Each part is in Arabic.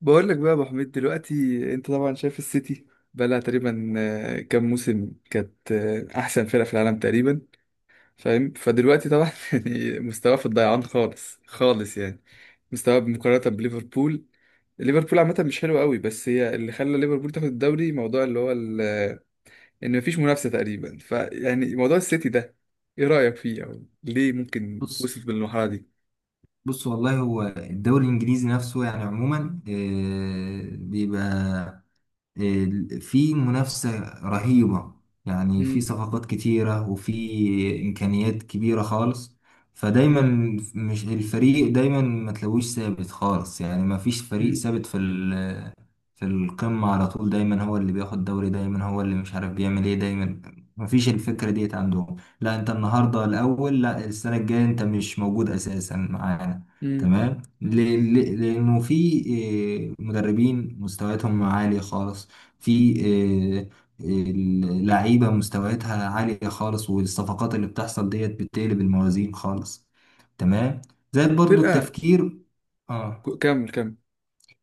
بقول لك بقى يا ابو حميد دلوقتي، انت طبعا شايف السيتي بقى لها تقريبا كام موسم كانت احسن فرقه في العالم تقريبا. فاهم؟ فدلوقتي طبعا يعني مستواه في الضيعان خالص خالص، يعني مستواه مقارنه بليفربول. ليفربول عامه مش حلو قوي، بس هي اللي خلى ليفربول تاخد الدوري. موضوع اللي هو ان مفيش منافسه تقريبا، فيعني موضوع السيتي ده ايه رايك فيه؟ او ليه ممكن بص توصل بالمرحله دي؟ بص. والله هو الدوري الانجليزي نفسه، يعني عموما بيبقى في منافسة رهيبة. يعني في مم. صفقات كتيرة وفي إمكانيات كبيرة خالص. فدايما مش الفريق دايما ما تلاقوش ثابت خالص، يعني ما فيش فريق مم. ثابت في في القمة على طول. دايما هو اللي بياخد دوري، دايما هو اللي مش عارف بيعمل ايه، دايما ما فيش الفكرة ديت عندهم. لا انت النهاردة الأول، لا السنة الجاية انت مش موجود أساسا معانا. مم. تمام. لأنه في مدربين مستوياتهم عالية خالص. في آه، آه، لعيبة مستوياتها عالية خالص، والصفقات اللي بتحصل ديت بتقلب الموازين خالص. تمام. زائد برضو فرقه. التفكير اه كمل كمل.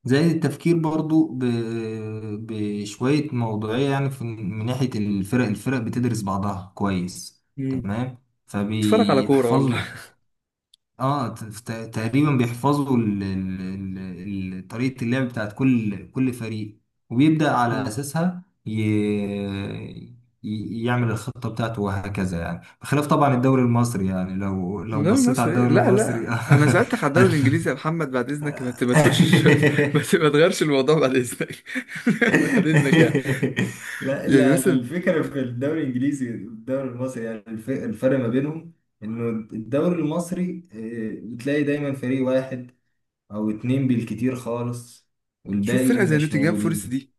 زائد التفكير برضو بشوية موضوعية. يعني من ناحية الفرق بتدرس بعضها كويس. تمام. اتفرج على كورة والله. فبيحفظ اه ت- ت- تقريبا بيحفظوا طريقة اللعب بتاعت كل فريق، وبيبدأ على مم. أساسها يعمل الخطة بتاعته، وهكذا. يعني بخلاف طبعا الدوري المصري، يعني لو الدوري بصيت على المصري، الدوري لا لا المصري. انا سألتك على الدوري الانجليزي يا محمد، بعد اذنك ما تدخلش، ما تغيرش الموضوع بعد اذنك. بعد اذنك يعني. لا يعني لا، مثلا الفكرة في الدوري الإنجليزي والدوري المصري، يعني الفرق ما بينهم إنه الدوري المصري بتلاقي دايما فريق واحد او اتنين بالكتير خالص، شوف والباقي فرقة زي مش نوتنجهام فورست موجودين. دي.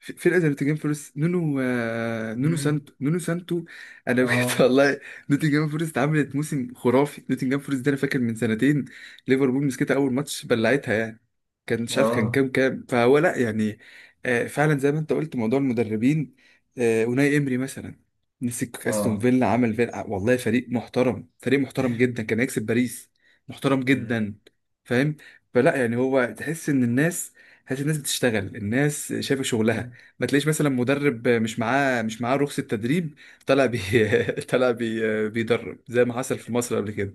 فرقة زي نوتنجهام فورست، نونو نونو مم. سانتو، نونو سانتو. انا بجد اه، والله. نوتنجهام فورست عملت موسم خرافي. نوتنجهام فورست ده انا فاكر من سنتين ليفربول مسكتها اول ماتش بلعتها يعني. كان مش عارف كان اه، كام فهو، لا يعني. فعلا زي ما انت قلت موضوع المدربين. اوناي امري مثلا مسك استون اه. فيلا، عمل فيلا والله فريق محترم، فريق محترم جدا، كان هيكسب باريس. محترم مم. جدا. فاهم؟ فلا يعني، هو تحس ان الناس، تحس الناس بتشتغل، الناس شايفه شغلها. ما تلاقيش مثلا مدرب مش معاه رخصة تدريب. طلع بي طلع بي بيدرب زي ما حصل في مصر قبل كده.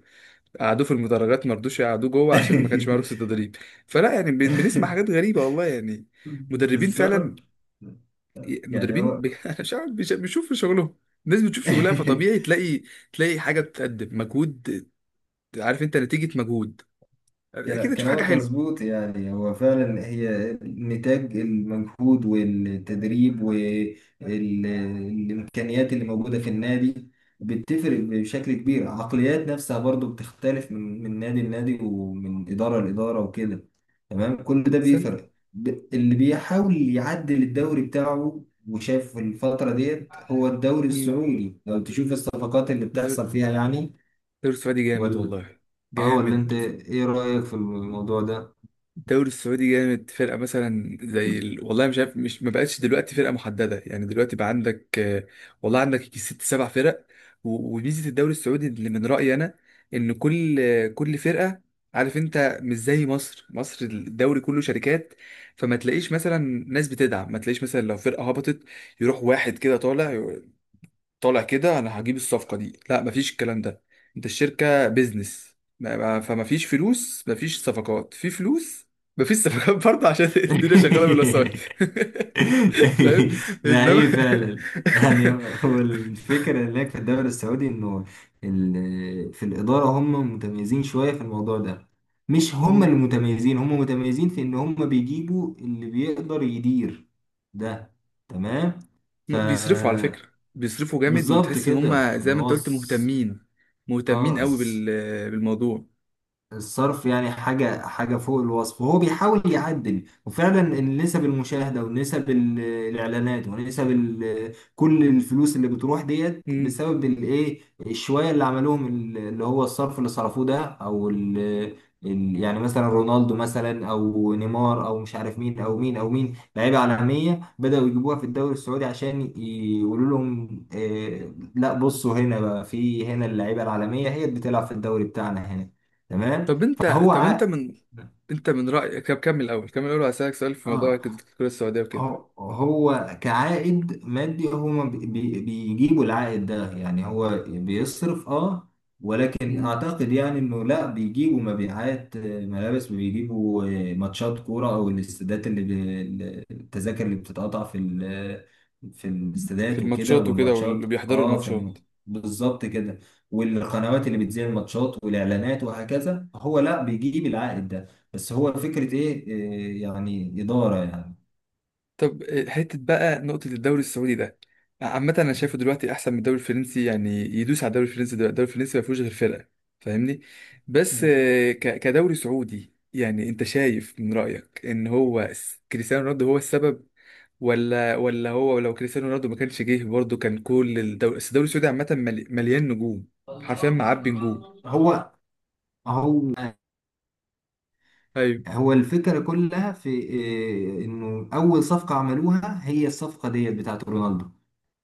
قعدوه في المدرجات، ما رضوش يقعدوه جوه عشان ما كانش معاه رخصة تدريب. فلا يعني بنسمع حاجات غريبة والله يعني، مدربين فعلا. بالظبط. يعني مدربين هو. أنا مش عارف بيشوفوا شغلهم. الناس بتشوف شغلها، فطبيعي تلاقي، تلاقي حاجة بتقدم مجهود. عارف انت نتيجة مجهود، اكيد هتشوف حاجة كلامك حلوة. مظبوط. يعني هو فعلا هي نتاج المجهود والتدريب والإمكانيات اللي موجودة في النادي، بتفرق بشكل كبير. عقليات نفسها برضو بتختلف من نادي لنادي، ومن إدارة لإدارة، وكده. تمام، كل ده استنى. بيفرق. اللي بيحاول يعدل الدوري بتاعه وشاف الفترة ديت هو الدوري مم. السعودي، لو تشوف الصفقات اللي الدوري بتحصل فيها يعني. السعودي جامد ولا والله. اه ولا انت جامد. ايه رأيك في الموضوع ده؟ الدوري السعودي جامد. فرقة مثلا زي والله مش عارف، مش ما بقتش دلوقتي فرقة محددة، يعني دلوقتي بقى عندك والله عندك يجي ست سبع فرق. وميزة الدوري السعودي اللي من رأيي أنا، إن كل كل فرقة، عارف أنت، مش زي مصر. مصر الدوري كله شركات، فما تلاقيش مثلا ناس بتدعم، ما تلاقيش مثلا لو فرقة هبطت يروح واحد كده طالع، طالع كده انا هجيب الصفقه دي، لا مفيش الكلام ده. انت الشركه بيزنس، فمفيش فلوس، مفيش صفقات في فلوس، مفيش صفقات برضه عشان الدنيا شغاله بالوسائط. فاهم؟ لا، انما هي فعلا. يعني هو الفكرة هناك في الدوري السعودي إنه في الإدارة هم متميزين شوية في الموضوع ده. مش هم مم. اللي متميزين، هم متميزين في إن هم بيجيبوا اللي بيقدر يدير ده. تمام. ف بيصرفوا على فكره، بيصرفوا جامد، بالظبط وتحس ان كده. هم زي يعني ما انت هو قلت مهتمين، مهتمين اه قوي الس- بالموضوع. الصرف يعني حاجة حاجة فوق الوصف، وهو بيحاول يعدل. وفعلا النسب المشاهدة ونسب الإعلانات ونسب كل الفلوس اللي بتروح ديت مم. بسبب الإيه، الشوية اللي عملوهم، اللي هو الصرف اللي صرفوه ده. يعني مثلا رونالدو مثلا، أو نيمار، أو مش عارف مين أو مين أو مين، لعيبة عالمية بدأوا يجيبوها في الدوري السعودي عشان يقولوا لهم لا بصوا، هنا بقى، في هنا اللعيبة العالمية هي اللي بتلعب في الدوري بتاعنا هنا. تمام. طب انت فهو طب انت ع... من انت من رايك، طب كمل الاول، كمل الاول، وهسالك سؤال في موضوع اه الكره السعوديه وكده. هو كعائد مادي، هما بيجيبوا العائد ده. يعني هو بيصرف، ولكن اعتقد يعني انه لا بيجيبوا مبيعات ملابس، بيجيبوا ماتشات كورة، او الاستادات اللي التذاكر اللي بتتقطع في في في الاستادات وكده، الماتشات وكده والماتشات. واللي بيحضروا الماتشات. بالظبط كده. والقنوات اللي بتذيع الماتشات والاعلانات وهكذا، هو لا بيجيب العائد ده بس، هو فكرة ايه، يعني إدارة يعني. طب حتة بقى نقطة الدوري السعودي ده، عامة أنا شايفه دلوقتي أحسن من الدوري الفرنسي، يعني يدوس على الدوري الفرنسي. دلوقتي الدوري الفرنسي ما فيهوش غير فرقة، فاهمني؟ بس مم. كدوري سعودي يعني، أنت شايف من رأيك إن هو كريستيانو رونالدو هو السبب ولا؟ ولا هو لو كريستيانو رونالدو ما كانش جه برضه، كان كل الدوري، بس الدوري السعودي عامة مليان نجوم، حرفيا معبي نجوم. هو هو أيوه. هو الفكرة كلها في إيه، انه اول صفقة عملوها هي الصفقة ديت بتاعت رونالدو.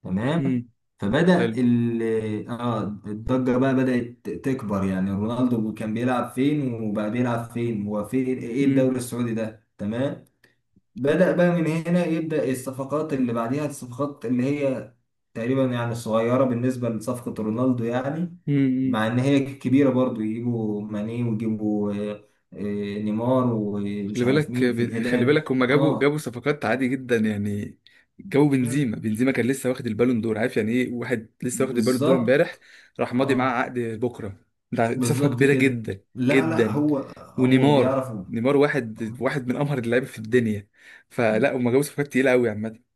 تمام. امم. فبدأ حلو. ال اه الضجة بقى بدأت تكبر. يعني رونالدو كان بيلعب فين وبقى بيلعب فين، هو فين، ايه الدوري السعودي ده. تمام. بدأ بقى من هنا، يبدأ الصفقات اللي بعديها، الصفقات اللي هي تقريبا يعني صغيرة بالنسبة لصفقة رونالدو، يعني امم. مع إن هي كبيرة برضو. يجيبوا ماني ويجيبوا آه، نيمار ومش عارف مين في خلي الهلال. بالك، هما جابوا اه، صفقات عادي جدا يعني. جابوا مم، بنزيما، بنزيما كان لسه واخد البالون دور. عارف يعني ايه واحد لسه واخد البالون دور امبارح بالظبط. راح ماضي معاه اه، عقد بكره؟ ده دي صفقه بالظبط كبيره كده. جدا، لا لا، جدا. هو ونيمار، بيعرف. نيمار واحد من امهر اللعيبه في الدنيا. فلا هما جابوا صفقات تقيله قوي عامه.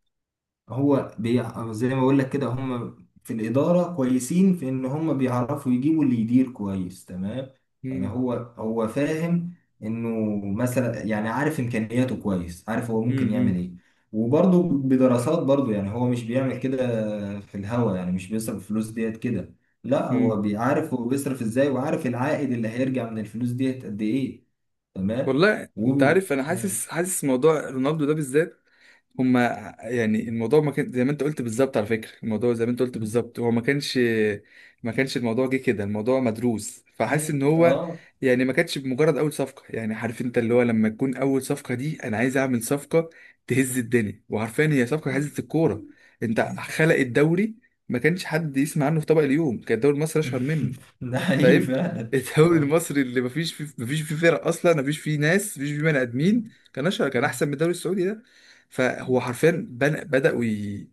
زي ما بقول لك كده، هم في الإدارة كويسين في إن هم بيعرفوا يجيبوا اللي يدير كويس. تمام. يعني مم، هو فاهم إنه مثلا، يعني عارف إمكانياته كويس، عارف هو ممكن مم، يعمل مم، إيه. وبرضه بدراسات برضه، يعني هو مش بيعمل كده في الهوا. يعني مش بيصرف الفلوس ديت كده، لا هو مم. بيعرف هو بيصرف إزاي، وعارف العائد اللي هيرجع من الفلوس ديت قد إيه. تمام. والله انت و... عارف، انا حاسس، حاسس موضوع رونالدو ده بالذات، هما، يعني الموضوع ما كان زي ما انت قلت بالظبط. على فكرة الموضوع زي ما انت قلت بالظبط، هو ما كانش الموضوع جه كده، الموضوع مدروس. فحاسس ان هو مم. يعني ما كانتش بمجرد اول صفقة. يعني عارف انت اللي هو لما تكون اول صفقة دي، انا عايز اعمل صفقة تهز الدنيا، وعارفين هي صفقة هزت الكورة. انت آه. خلق الدوري. ما كانش حد يسمع عنه في طبق اليوم، كان الدوري المصري اشهر منه. ده حقيقي فاهم؟ فعلا. الدوري اه، المصري اللي مفيش فيه فرق اصلا، مفيش فيه ناس، مفيش فيه بني ادمين، كان اشهر، كان احسن من الدوري السعودي ده. فهو حرفيا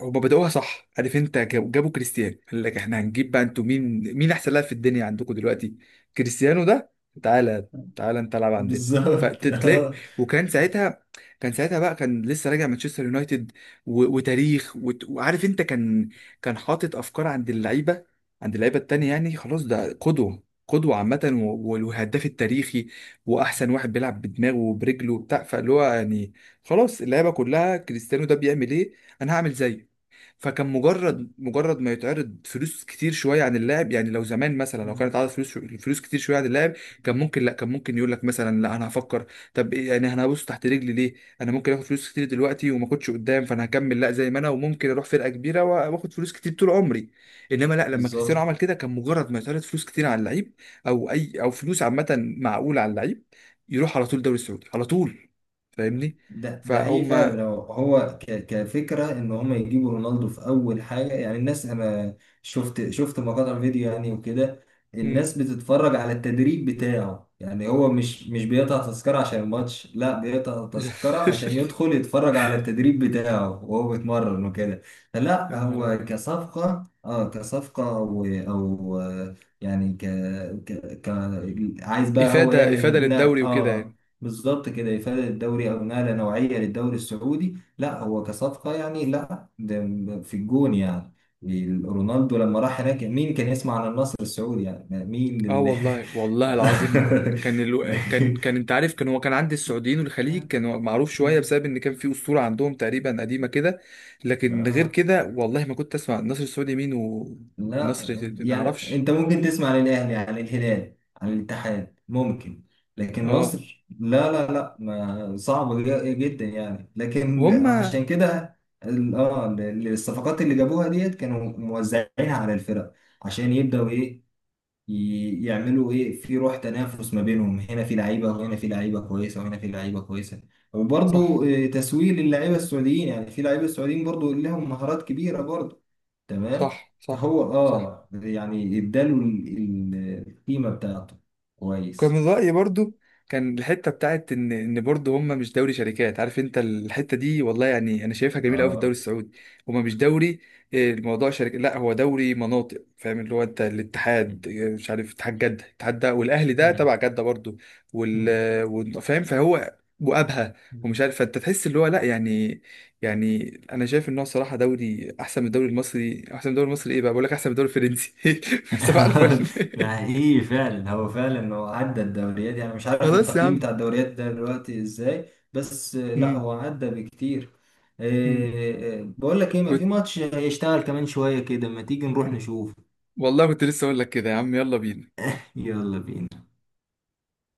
هما بدأوها صح. عارف انت، جابوا كريستيانو، قال لك احنا هنجيب بقى. انتوا مين؟ مين احسن لاعب في الدنيا عندكم دلوقتي؟ كريستيانو ده. تعالى، تعالى انت العب عندنا. بالظبط. فتلاقي، اه. وكان ساعتها، كان ساعتها بقى كان لسه راجع مانشستر يونايتد وتاريخ وعارف انت، كان كان حاطط افكار عند اللعيبه، عند اللعيبه التانية، يعني خلاص ده قدوه، قدوه عامه والهداف التاريخي واحسن واحد بيلعب بدماغه وبرجله وبتاع، فاللي هو يعني خلاص اللعيبه كلها، كريستيانو ده بيعمل ايه؟ انا هعمل زيه. فكان مجرد ما يتعرض فلوس كتير شويه عن اللاعب. يعني لو زمان مثلا لو كانت عرض فلوس كتير شويه عن اللاعب، كان ممكن لا، كان ممكن يقول لك مثلا لا انا هفكر، طب إيه يعني انا هبص تحت رجلي ليه؟ انا ممكن اخد فلوس كتير دلوقتي وما اخدش قدام، فانا هكمل لا زي ما انا، وممكن اروح فرقه كبيره واخد فلوس كتير طول عمري. انما لا، لما كريستيانو بالظبط. عمل كده، كان مجرد ما يتعرض فلوس كتير على اللعيب او اي، او فلوس عامه معقوله على اللعيب، يروح على طول الدوري السعودي على طول. فاهمني؟ ده حقيقي فهم. فعلا. هو كفكره ان هم يجيبوا رونالدو في اول حاجه، يعني الناس، انا شفت مقاطع فيديو يعني وكده. مم. الناس بتتفرج على التدريب بتاعه. يعني هو مش بيقطع تذكره عشان الماتش، لا بيقطع تذكره عشان يدخل يتفرج على التدريب بتاعه وهو بيتمرن وكده. يا فلا، نهار هو أبيض. كصفقه او يعني عايز بقى هو افاده، افاده يعمل للدوري وكده يعني. بالظبط كده، إفادة الدوري أو نقلة نوعية للدوري السعودي. لا هو كصفقة، يعني لا ده في الجون يعني. رونالدو لما راح هناك، مين كان يسمع عن النصر السعودي، يعني مين اه اللي... والله، والله العظيم، كان كان كان انت عارف، كان هو كان عند السعوديين والخليج كان هو معروف شويه، بسبب ان كان في اسطوره عندهم تقريبا قديمه كده. لكن غير آه. كده والله ما كنت اسمع النصر السعودي مين لا، والنصر ما يعني اعرفش. انت ممكن تسمع عن الاهلي، عن الهلال، عن الاتحاد ممكن. لكن اه. مصر لا لا لا، ما صعبة جدا يعني. لكن وهم. عشان كده الصفقات اللي جابوها ديت كانوا موزعينها على الفرق، عشان يبدأوا يعملوا ايه في روح تنافس ما بينهم، هنا في لعيبه وهنا في لعيبه كويسه وهنا في لعيبه كويسه. وبرضه صح. تسويق للعيبه السعوديين. يعني في لعيبه السعوديين برضه لهم مهارات كبيره برضه. تمام. صح. صح. فهو صح. يعني اداله القيمه بتاعته كان كويس. من رأيي برضو، كان الحتة بتاعت إن برضو هما مش دوري شركات. عارف أنت الحتة دي والله يعني، أنا شايفها جميلة أوي في الدوري اه. السعودي. هما مش دوري، الموضوع شركة، لا هو دوري مناطق. فاهم اللي هو؟ أنت الاتحاد مش عارف، اتحاد جدة، اتحاد ده والأهلي ده مم. تبع جدة برضو، فاهم؟ فهو وأبها مم. ومش عارف. فأنت تحس اللي هو، لا يعني. يعني أنا شايف إن هو صراحة دوري أحسن من الدوري المصري، أحسن من الدوري المصري إيه بقى، بقول لك أحسن من الدوري الفرنسي. صباح الفل. ده حقيقي فعلا. هو فعلا هو عدى الدوريات. يعني مش عارف خلاص التقييم يا بتاع الدوريات ده دلوقتي ازاي، بس لا عم. هو عدى بكتير. مم. بقول لك ايه، ما في كنت، ماتش، هيشتغل كمان شوية كده، ما تيجي نروح نشوف. والله كنت لسه اقول لك كده يا عم، يلا بينا. يلا بينا.